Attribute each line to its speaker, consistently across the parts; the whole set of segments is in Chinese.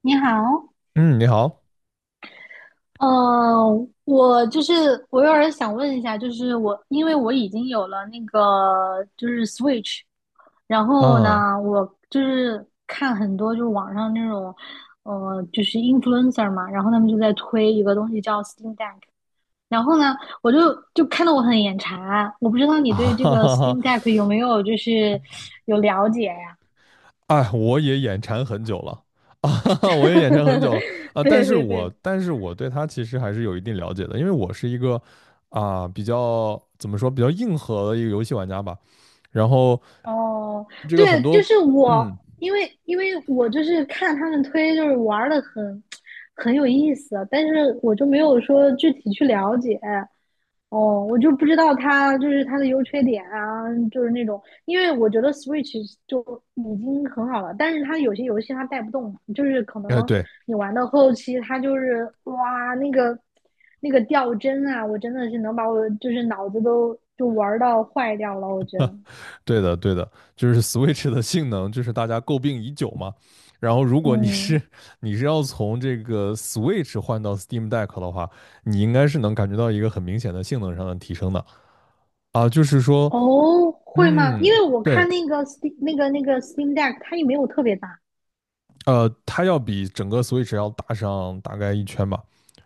Speaker 1: 你好，
Speaker 2: 嗯，你好。
Speaker 1: 呃，我就是我有点儿想问一下，就是我因为我已经有了那个就是 Switch，然后
Speaker 2: 啊，
Speaker 1: 呢，我就是看很多就是网上那种，就是 influencer 嘛，然后他们就在推一个东西叫 Steam Deck，然后呢，我就看得我很眼馋，我不知道你
Speaker 2: 啊
Speaker 1: 对这
Speaker 2: 哈
Speaker 1: 个
Speaker 2: 哈哈，
Speaker 1: Steam Deck 有没有就是有了解呀？
Speaker 2: 哎，我也眼馋很久了。啊，哈哈，我也眼馋很久了。 啊，但
Speaker 1: 对
Speaker 2: 是
Speaker 1: 对
Speaker 2: 我
Speaker 1: 对，
Speaker 2: 但是我对它其实还是有一定了解的，因为我是一个比较怎么说比较硬核的一个游戏玩家吧。然后
Speaker 1: 哦，
Speaker 2: 这个很
Speaker 1: 对，就
Speaker 2: 多，
Speaker 1: 是我，
Speaker 2: 嗯，
Speaker 1: 因为我就是看他们推，就是玩的很有意思，但是我就没有说具体去了解。哦，我就不知道它就是它的优缺点啊，就是那种，因为我觉得 Switch 就已经很好了，但是它有些游戏它带不动，就是可
Speaker 2: 哎
Speaker 1: 能
Speaker 2: 对，
Speaker 1: 你玩到后期，它就是哇那个掉帧啊，我真的是能把我就是脑子都就玩到坏掉了，我觉得，
Speaker 2: 对的，对的，就是 Switch 的性能，就是大家诟病已久嘛。然后，如果你是
Speaker 1: 嗯。
Speaker 2: 你是要从这个 Switch 换到 Steam Deck 的话，你应该是能感觉到一个很明显的性能上的提升的。啊，就是说，
Speaker 1: 哦，会吗？
Speaker 2: 嗯，
Speaker 1: 因为我
Speaker 2: 对。
Speaker 1: 看那个 Steam 那个 Steam Deck，它也没有特别大。
Speaker 2: 它要比整个 Switch 要大上大概一圈吧。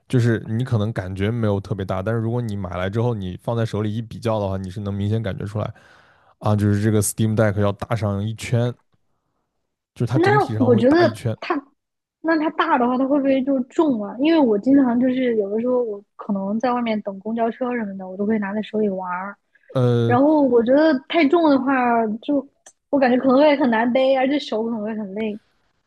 Speaker 2: 就是你可能感觉没有特别大，但是如果你买来之后，你放在手里一比较的话，你是能明显感觉出来。啊，就是这个 Steam Deck 要大上一圈，就是它整
Speaker 1: 那
Speaker 2: 体上
Speaker 1: 我
Speaker 2: 会
Speaker 1: 觉
Speaker 2: 大
Speaker 1: 得
Speaker 2: 一圈。
Speaker 1: 它，那它大的话，它会不会就重啊？因为我经常就是有的时候我可能在外面等公交车什么的，我都会拿在手里玩儿。然
Speaker 2: 呃
Speaker 1: 后我觉得太重的话，就我感觉可能会很难背，而且手可能会很累。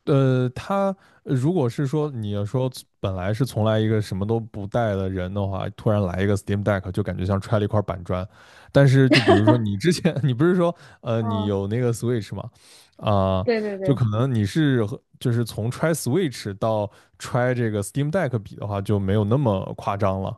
Speaker 2: 他如果是说你要说本来是从来一个什么都不带的人的话，突然来一个 Steam Deck，就感觉像揣了一块板砖。但是就比如说你之前， 你不是说你
Speaker 1: 哦，
Speaker 2: 有那个 Switch 吗？啊、
Speaker 1: 对对
Speaker 2: 就
Speaker 1: 对，
Speaker 2: 可能你是和就是从揣 Switch 到揣这个 Steam Deck 比的话，就没有那么夸张了。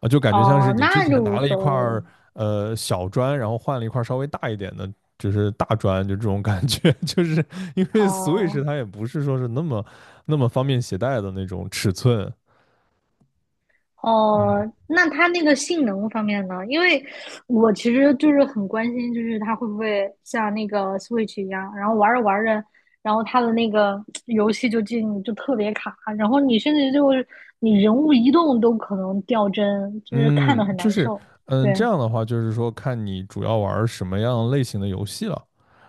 Speaker 2: 啊，就感觉像是
Speaker 1: 哦，
Speaker 2: 你之
Speaker 1: 那
Speaker 2: 前
Speaker 1: 就无
Speaker 2: 拿了一
Speaker 1: 所
Speaker 2: 块
Speaker 1: 谓了。
Speaker 2: 儿小砖，然后换了一块儿稍微大一点的，就是大砖，就这种感觉。就是因为 Switch
Speaker 1: 哦，
Speaker 2: 它也不是说是那么方便携带的那种尺寸。嗯，
Speaker 1: 哦，那它那个性能方面呢？因为我其实就是很关心，就是它会不会像那个 Switch 一样，然后玩着玩着，然后它的那个游戏就进就特别卡，然后你甚至就是你人物移动都可能掉帧，就是看
Speaker 2: 嗯，
Speaker 1: 的很
Speaker 2: 就
Speaker 1: 难
Speaker 2: 是，
Speaker 1: 受。
Speaker 2: 嗯，
Speaker 1: 对，
Speaker 2: 这样的话，就是说看你主要玩儿什么样类型的游戏了。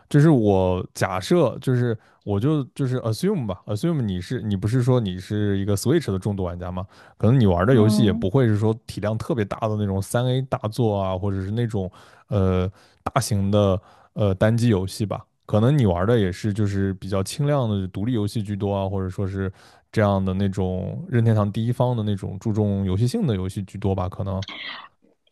Speaker 2: 就是我假设，就是我就是 assume 吧，assume 你不是说你是一个 Switch 的重度玩家吗？可能你玩的游戏也
Speaker 1: 嗯，
Speaker 2: 不会是说体量特别大的那种三 A 大作啊，或者是那种呃大型的单机游戏吧。可能你玩的也是就是比较轻量的独立游戏居多啊，或者说是这样的那种任天堂第一方的那种注重游戏性的游戏居多吧，可能。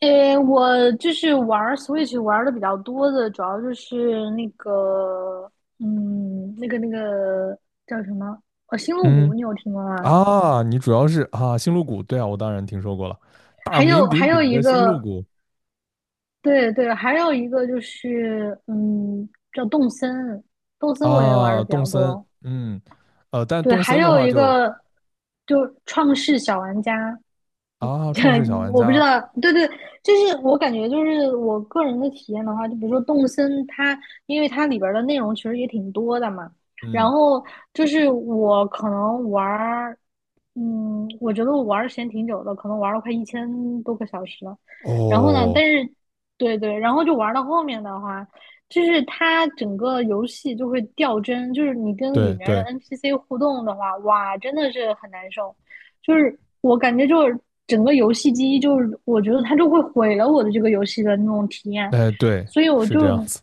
Speaker 1: 诶，我就是玩儿 Switch 玩的比较多的，主要就是那个，嗯，那个叫什么？《星露谷，
Speaker 2: 嗯。
Speaker 1: 你有听过吗？
Speaker 2: 啊，你主要是啊，星露谷，对啊，我当然听说过了，大
Speaker 1: 还有
Speaker 2: 名
Speaker 1: 还
Speaker 2: 鼎
Speaker 1: 有
Speaker 2: 鼎
Speaker 1: 一
Speaker 2: 的星露
Speaker 1: 个，
Speaker 2: 谷。
Speaker 1: 对对，还有一个就是，嗯，叫动森，动森我也玩
Speaker 2: 啊，
Speaker 1: 的比
Speaker 2: 动
Speaker 1: 较
Speaker 2: 森，
Speaker 1: 多。
Speaker 2: 嗯。但
Speaker 1: 对，
Speaker 2: 动
Speaker 1: 还
Speaker 2: 森的
Speaker 1: 有
Speaker 2: 话
Speaker 1: 一
Speaker 2: 就，
Speaker 1: 个就创世小玩家，
Speaker 2: 啊，
Speaker 1: 对，
Speaker 2: 创世小玩
Speaker 1: 我不知
Speaker 2: 家。
Speaker 1: 道，对对，就是我感觉就是我个人的体验的话，就比如说动森它，因为它里边儿的内容其实也挺多的嘛，然
Speaker 2: 嗯，
Speaker 1: 后就是我可能玩儿，嗯，我觉得我玩儿时间挺久的，可能玩了快一千多个小时了，然后呢，但
Speaker 2: 哦，
Speaker 1: 是对对，然后就玩到后面的话，就是它整个游戏就会掉帧，就是你跟里
Speaker 2: 对
Speaker 1: 面的
Speaker 2: 对，
Speaker 1: NPC 互动的话，哇，真的是很难受。就是我感觉就是整个游戏机，就是我觉得它就会毁了我的这个游戏的那种体验，
Speaker 2: 哎对，
Speaker 1: 所以
Speaker 2: 是这样子。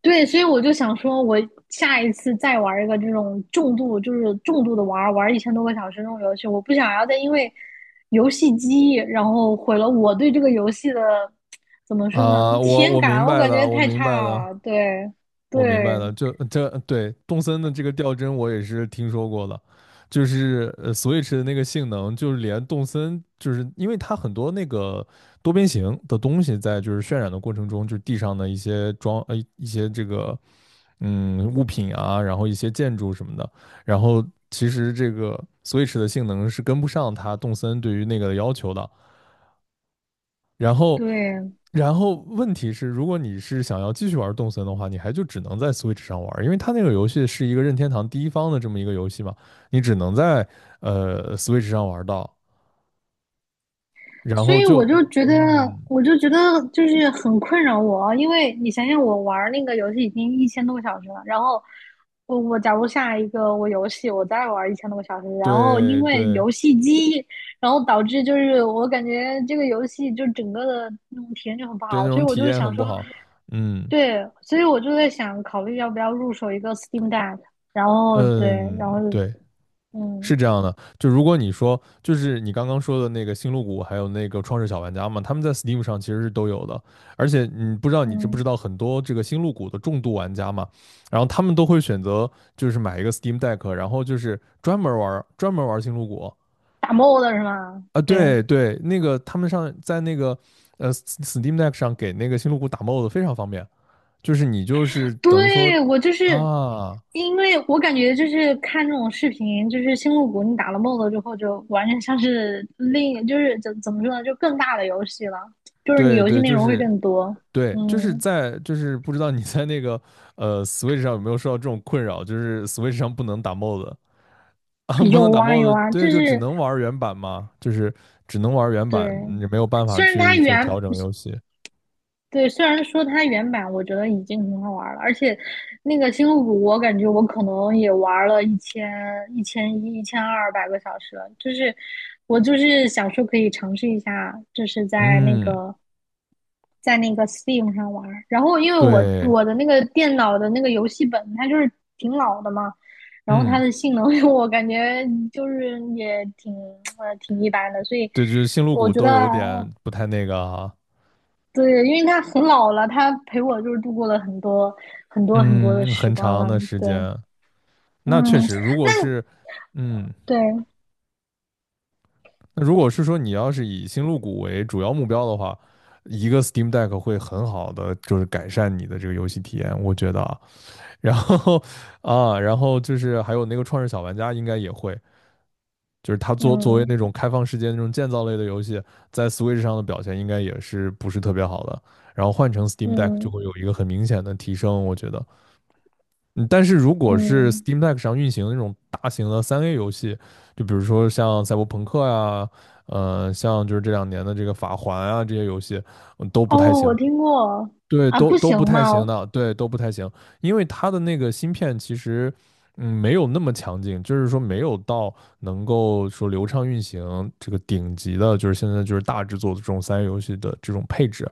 Speaker 1: 对，所以我就想说，我下一次再玩一个这种重度，就是重度的玩玩一千多个小时那种游戏，我不想要再因为游戏机，然后毁了我对这个游戏的怎么说呢，
Speaker 2: 啊，
Speaker 1: 体
Speaker 2: 我
Speaker 1: 验
Speaker 2: 我明
Speaker 1: 感，我
Speaker 2: 白
Speaker 1: 感觉
Speaker 2: 的，我
Speaker 1: 太
Speaker 2: 明白
Speaker 1: 差
Speaker 2: 的，
Speaker 1: 了，对
Speaker 2: 我
Speaker 1: 对。
Speaker 2: 明白了。这对动森的这个吊针我也是听说过的，就是Switch 的那个性能，就是连动森，就是因为它很多那个多边形的东西在就是渲染的过程中，就是地上的一些装一些这个，嗯，物品啊，然后一些建筑什么的，然后其实这个 Switch 的性能是跟不上它动森对于那个的要求的。然后，
Speaker 1: 对
Speaker 2: 然后，问题是，如果你是想要继续玩动森的话，你还就只能在 Switch 上玩，因为它那个游戏是一个任天堂第一方的这么一个游戏嘛，你只能在Switch 上玩到。然
Speaker 1: 所
Speaker 2: 后
Speaker 1: 以
Speaker 2: 就，
Speaker 1: 我就觉得，
Speaker 2: 嗯，
Speaker 1: 我就觉得就是很困扰我啊，因为你想想，我玩那个游戏已经一千多个小时了，然后我假如下一个我游戏我再玩一千多个小时，然后因
Speaker 2: 对
Speaker 1: 为
Speaker 2: 对
Speaker 1: 游戏机，然后导致就是我感觉这个游戏就整个的那种体验就很不
Speaker 2: 对，那
Speaker 1: 好，所
Speaker 2: 种
Speaker 1: 以我
Speaker 2: 体
Speaker 1: 就是
Speaker 2: 验
Speaker 1: 想
Speaker 2: 很
Speaker 1: 说，
Speaker 2: 不好，嗯，
Speaker 1: 对，所以我就在想考虑要不要入手一个 Steam Deck，然后对，
Speaker 2: 嗯，
Speaker 1: 然后
Speaker 2: 对，是
Speaker 1: 嗯
Speaker 2: 这样的。就如果你说，就是你刚刚说的那个星露谷，还有那个创世小玩家嘛，他们在 Steam 上其实是都有的。而且你不知道你知不知
Speaker 1: 嗯，
Speaker 2: 道，很多这个星露谷的重度玩家嘛，然后他们都会选择就是买一个 Steam Deck,然后就是专门玩星露谷。
Speaker 1: 打 mod 是吗？
Speaker 2: 啊，
Speaker 1: 对，
Speaker 2: 对对，那个他们上在那个Steam Deck 上给那个星露谷打 mod 非常方便，就是你就是等于说，
Speaker 1: 对，我就是
Speaker 2: 啊，
Speaker 1: 因为我感觉就是看这种视频，就是星露谷，你打了 MOD 之后，就完全像是就是怎么说呢，就更大的游戏了，就是你
Speaker 2: 对
Speaker 1: 游戏
Speaker 2: 对，
Speaker 1: 内
Speaker 2: 就
Speaker 1: 容会
Speaker 2: 是
Speaker 1: 更多。
Speaker 2: 对，就是
Speaker 1: 嗯，
Speaker 2: 在就是不知道你在那个Switch 上有没有受到这种困扰，就是 Switch 上不能打 mod。 啊，不能
Speaker 1: 有
Speaker 2: 打
Speaker 1: 啊有
Speaker 2: mod,
Speaker 1: 啊，
Speaker 2: 对，
Speaker 1: 就
Speaker 2: 就只
Speaker 1: 是
Speaker 2: 能玩原版嘛，就是只能玩原
Speaker 1: 对，
Speaker 2: 版，你没有办法
Speaker 1: 虽然它
Speaker 2: 去说
Speaker 1: 原
Speaker 2: 调整游戏。
Speaker 1: 对，虽然说它原版我觉得已经很好玩了，而且那个星露谷，我感觉我可能也玩了1000、1100、1200个小时了。就是我就是想说可以尝试一下，就是在那
Speaker 2: 嗯，
Speaker 1: 个在那个 Steam 上玩儿然后因为我
Speaker 2: 对，
Speaker 1: 我的那个电脑的那个游戏本它就是挺老的嘛，然后它
Speaker 2: 嗯，
Speaker 1: 的性能 我感觉就是也挺一般的，所以
Speaker 2: 对，就是星露
Speaker 1: 我
Speaker 2: 谷
Speaker 1: 觉得
Speaker 2: 都有点不太那个。啊，
Speaker 1: 对，因为他很老了，他陪我就是度过了很多很多很多的
Speaker 2: 嗯，
Speaker 1: 时
Speaker 2: 很
Speaker 1: 光
Speaker 2: 长
Speaker 1: 了。
Speaker 2: 的时
Speaker 1: 对，
Speaker 2: 间。那
Speaker 1: 嗯，
Speaker 2: 确实，如
Speaker 1: 那
Speaker 2: 果是，嗯，
Speaker 1: 对，
Speaker 2: 那如果是说你要是以星露谷为主要目标的话，一个 Steam Deck 会很好的就是改善你的这个游戏体验，我觉得。啊，然后，啊，然后就是还有那个《创世小玩家》应该也会，就是它作为
Speaker 1: 嗯
Speaker 2: 那种开放世界那种建造类的游戏，在 Switch 上的表现应该也是不是特别好的。然后换成 Steam Deck 就
Speaker 1: 嗯
Speaker 2: 会有一个很明显的提升，我觉得。嗯。但是如果是
Speaker 1: 嗯，
Speaker 2: Steam Deck 上运行的那种大型的三 A 游戏，就比如说像赛博朋克呀，像就是这两年的这个法环啊这些游戏，嗯，都不太
Speaker 1: 哦，
Speaker 2: 行。
Speaker 1: 我听过
Speaker 2: 对，
Speaker 1: 啊，不
Speaker 2: 都
Speaker 1: 行
Speaker 2: 不太
Speaker 1: 吗？
Speaker 2: 行的，对，都不太行。因为它的那个芯片其实，嗯，没有那么强劲，就是说没有到能够说流畅运行这个顶级的，就是现在就是大制作的这种三 A 游戏的这种配置。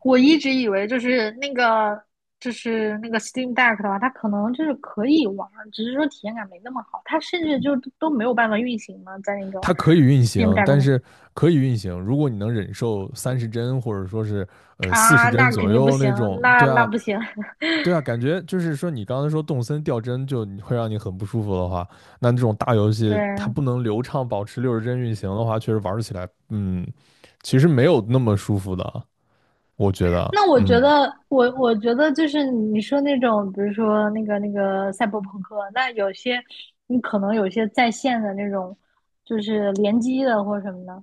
Speaker 1: 我一直以为就是那个 Steam Deck 的话，它可能就是可以玩儿只是说体验感没那么好，它甚至就都没有办法运行嘛，在那个
Speaker 2: 它可以运
Speaker 1: Steam
Speaker 2: 行，
Speaker 1: Deck
Speaker 2: 但
Speaker 1: 上
Speaker 2: 是可以运行。如果你能忍受30帧，或者说是四十
Speaker 1: 啊，
Speaker 2: 帧
Speaker 1: 那肯
Speaker 2: 左
Speaker 1: 定不
Speaker 2: 右那
Speaker 1: 行，
Speaker 2: 种，
Speaker 1: 那
Speaker 2: 对
Speaker 1: 那
Speaker 2: 啊。
Speaker 1: 不行，
Speaker 2: 对啊，感觉就是说你刚才说动森掉帧就会让你很不舒服的话，那这种大游戏它
Speaker 1: 对。
Speaker 2: 不能流畅保持60帧运行的话，确实玩起来，嗯，其实没有那么舒服的，我觉得。
Speaker 1: 那我觉
Speaker 2: 嗯，
Speaker 1: 得，我觉得就是你说那种，比如说那个赛博朋克，那有些你可能有些在线的那种，就是联机的或者什么的，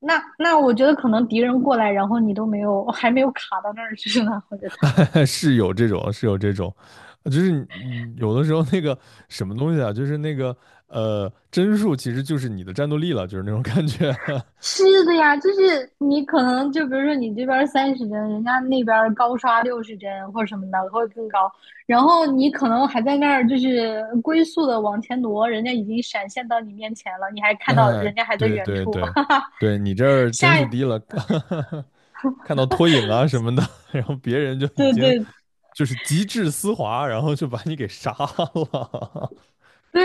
Speaker 1: 那我觉得可能敌人过来，然后你都没有，还没有卡到那儿去呢，我觉得。
Speaker 2: 是有这种，是有这种。就是你有的时候那个什么东西啊，就是那个帧数其实就是你的战斗力了，就是那种感觉。
Speaker 1: 是的呀，就是你可能就比如说你这边30帧，人家那边高刷60帧或者什么的会更高，然后你可能还在那儿就是龟速的往前挪，人家已经闪现到你面前了，你还看到
Speaker 2: 哎，
Speaker 1: 人家还在
Speaker 2: 对
Speaker 1: 远
Speaker 2: 对
Speaker 1: 处，
Speaker 2: 对，
Speaker 1: 哈哈，
Speaker 2: 对你这儿帧
Speaker 1: 下
Speaker 2: 数
Speaker 1: 一，
Speaker 2: 低了，看到拖影啊什么的，然后别人就已
Speaker 1: 对
Speaker 2: 经
Speaker 1: 对
Speaker 2: 就是极致丝滑，然后就把你给杀了。
Speaker 1: 对，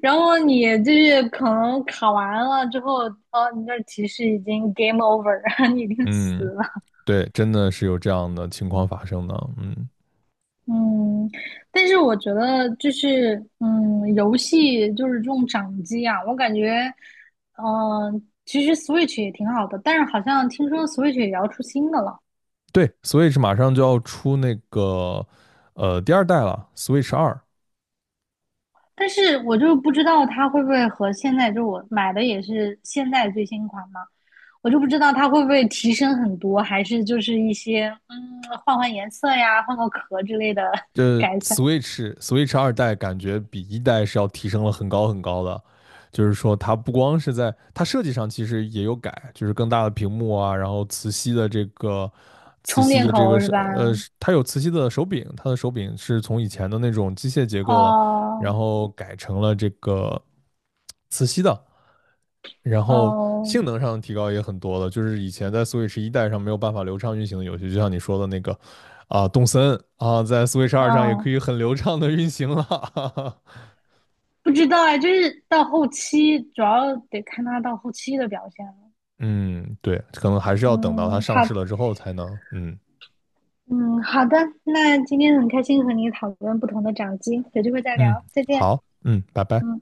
Speaker 1: 然后你就是可能卡完了之后，哦，你那儿提示已经 game over，你已 经死
Speaker 2: 嗯，
Speaker 1: 了，
Speaker 2: 对，真的是有这样的情况发生的。嗯，
Speaker 1: 嗯，但是我觉得就是，嗯，游戏就是这种掌机啊，我感觉，嗯、其实 Switch 也挺好的，但是好像听说 Switch 也要出新的了，
Speaker 2: 对，Switch 马上就要出那个第二代了，Switch 二。
Speaker 1: 但是我就不知道它会不会和现在就我买的也是现在最新款嘛，我就不知道它会不会提升很多，还是就是一些换换颜色呀，换个壳之类的
Speaker 2: 这
Speaker 1: 改善，
Speaker 2: Switch 二代感觉比一代是要提升了很高很高的。就是说它不光是在它设计上其实也有改，就是更大的屏幕啊，然后磁
Speaker 1: 充
Speaker 2: 吸
Speaker 1: 电
Speaker 2: 的这
Speaker 1: 口
Speaker 2: 个
Speaker 1: 是
Speaker 2: 是，
Speaker 1: 吧？
Speaker 2: 呃，它有磁吸的手柄，它的手柄是从以前的那种机械结构了，然
Speaker 1: 哦
Speaker 2: 后改成了这个磁吸的。然后
Speaker 1: 哦
Speaker 2: 性能上的提高也很多了，就是以前在 Switch 一代上没有办法流畅运行的游戏，就像你说的那个啊，动森啊，在 Switch 二上也可
Speaker 1: 哦。
Speaker 2: 以很流畅的运行了。
Speaker 1: 不知道哎，就是到后期主要得看他到后期的表现了。
Speaker 2: 嗯，对，可能还是要等到它
Speaker 1: 嗯，
Speaker 2: 上
Speaker 1: 好，
Speaker 2: 市了之后才能，嗯，
Speaker 1: 嗯，好的，那今天很开心和你讨论不同的掌机，有机会再
Speaker 2: 嗯，
Speaker 1: 聊，再见。
Speaker 2: 好，嗯，拜拜。
Speaker 1: 嗯。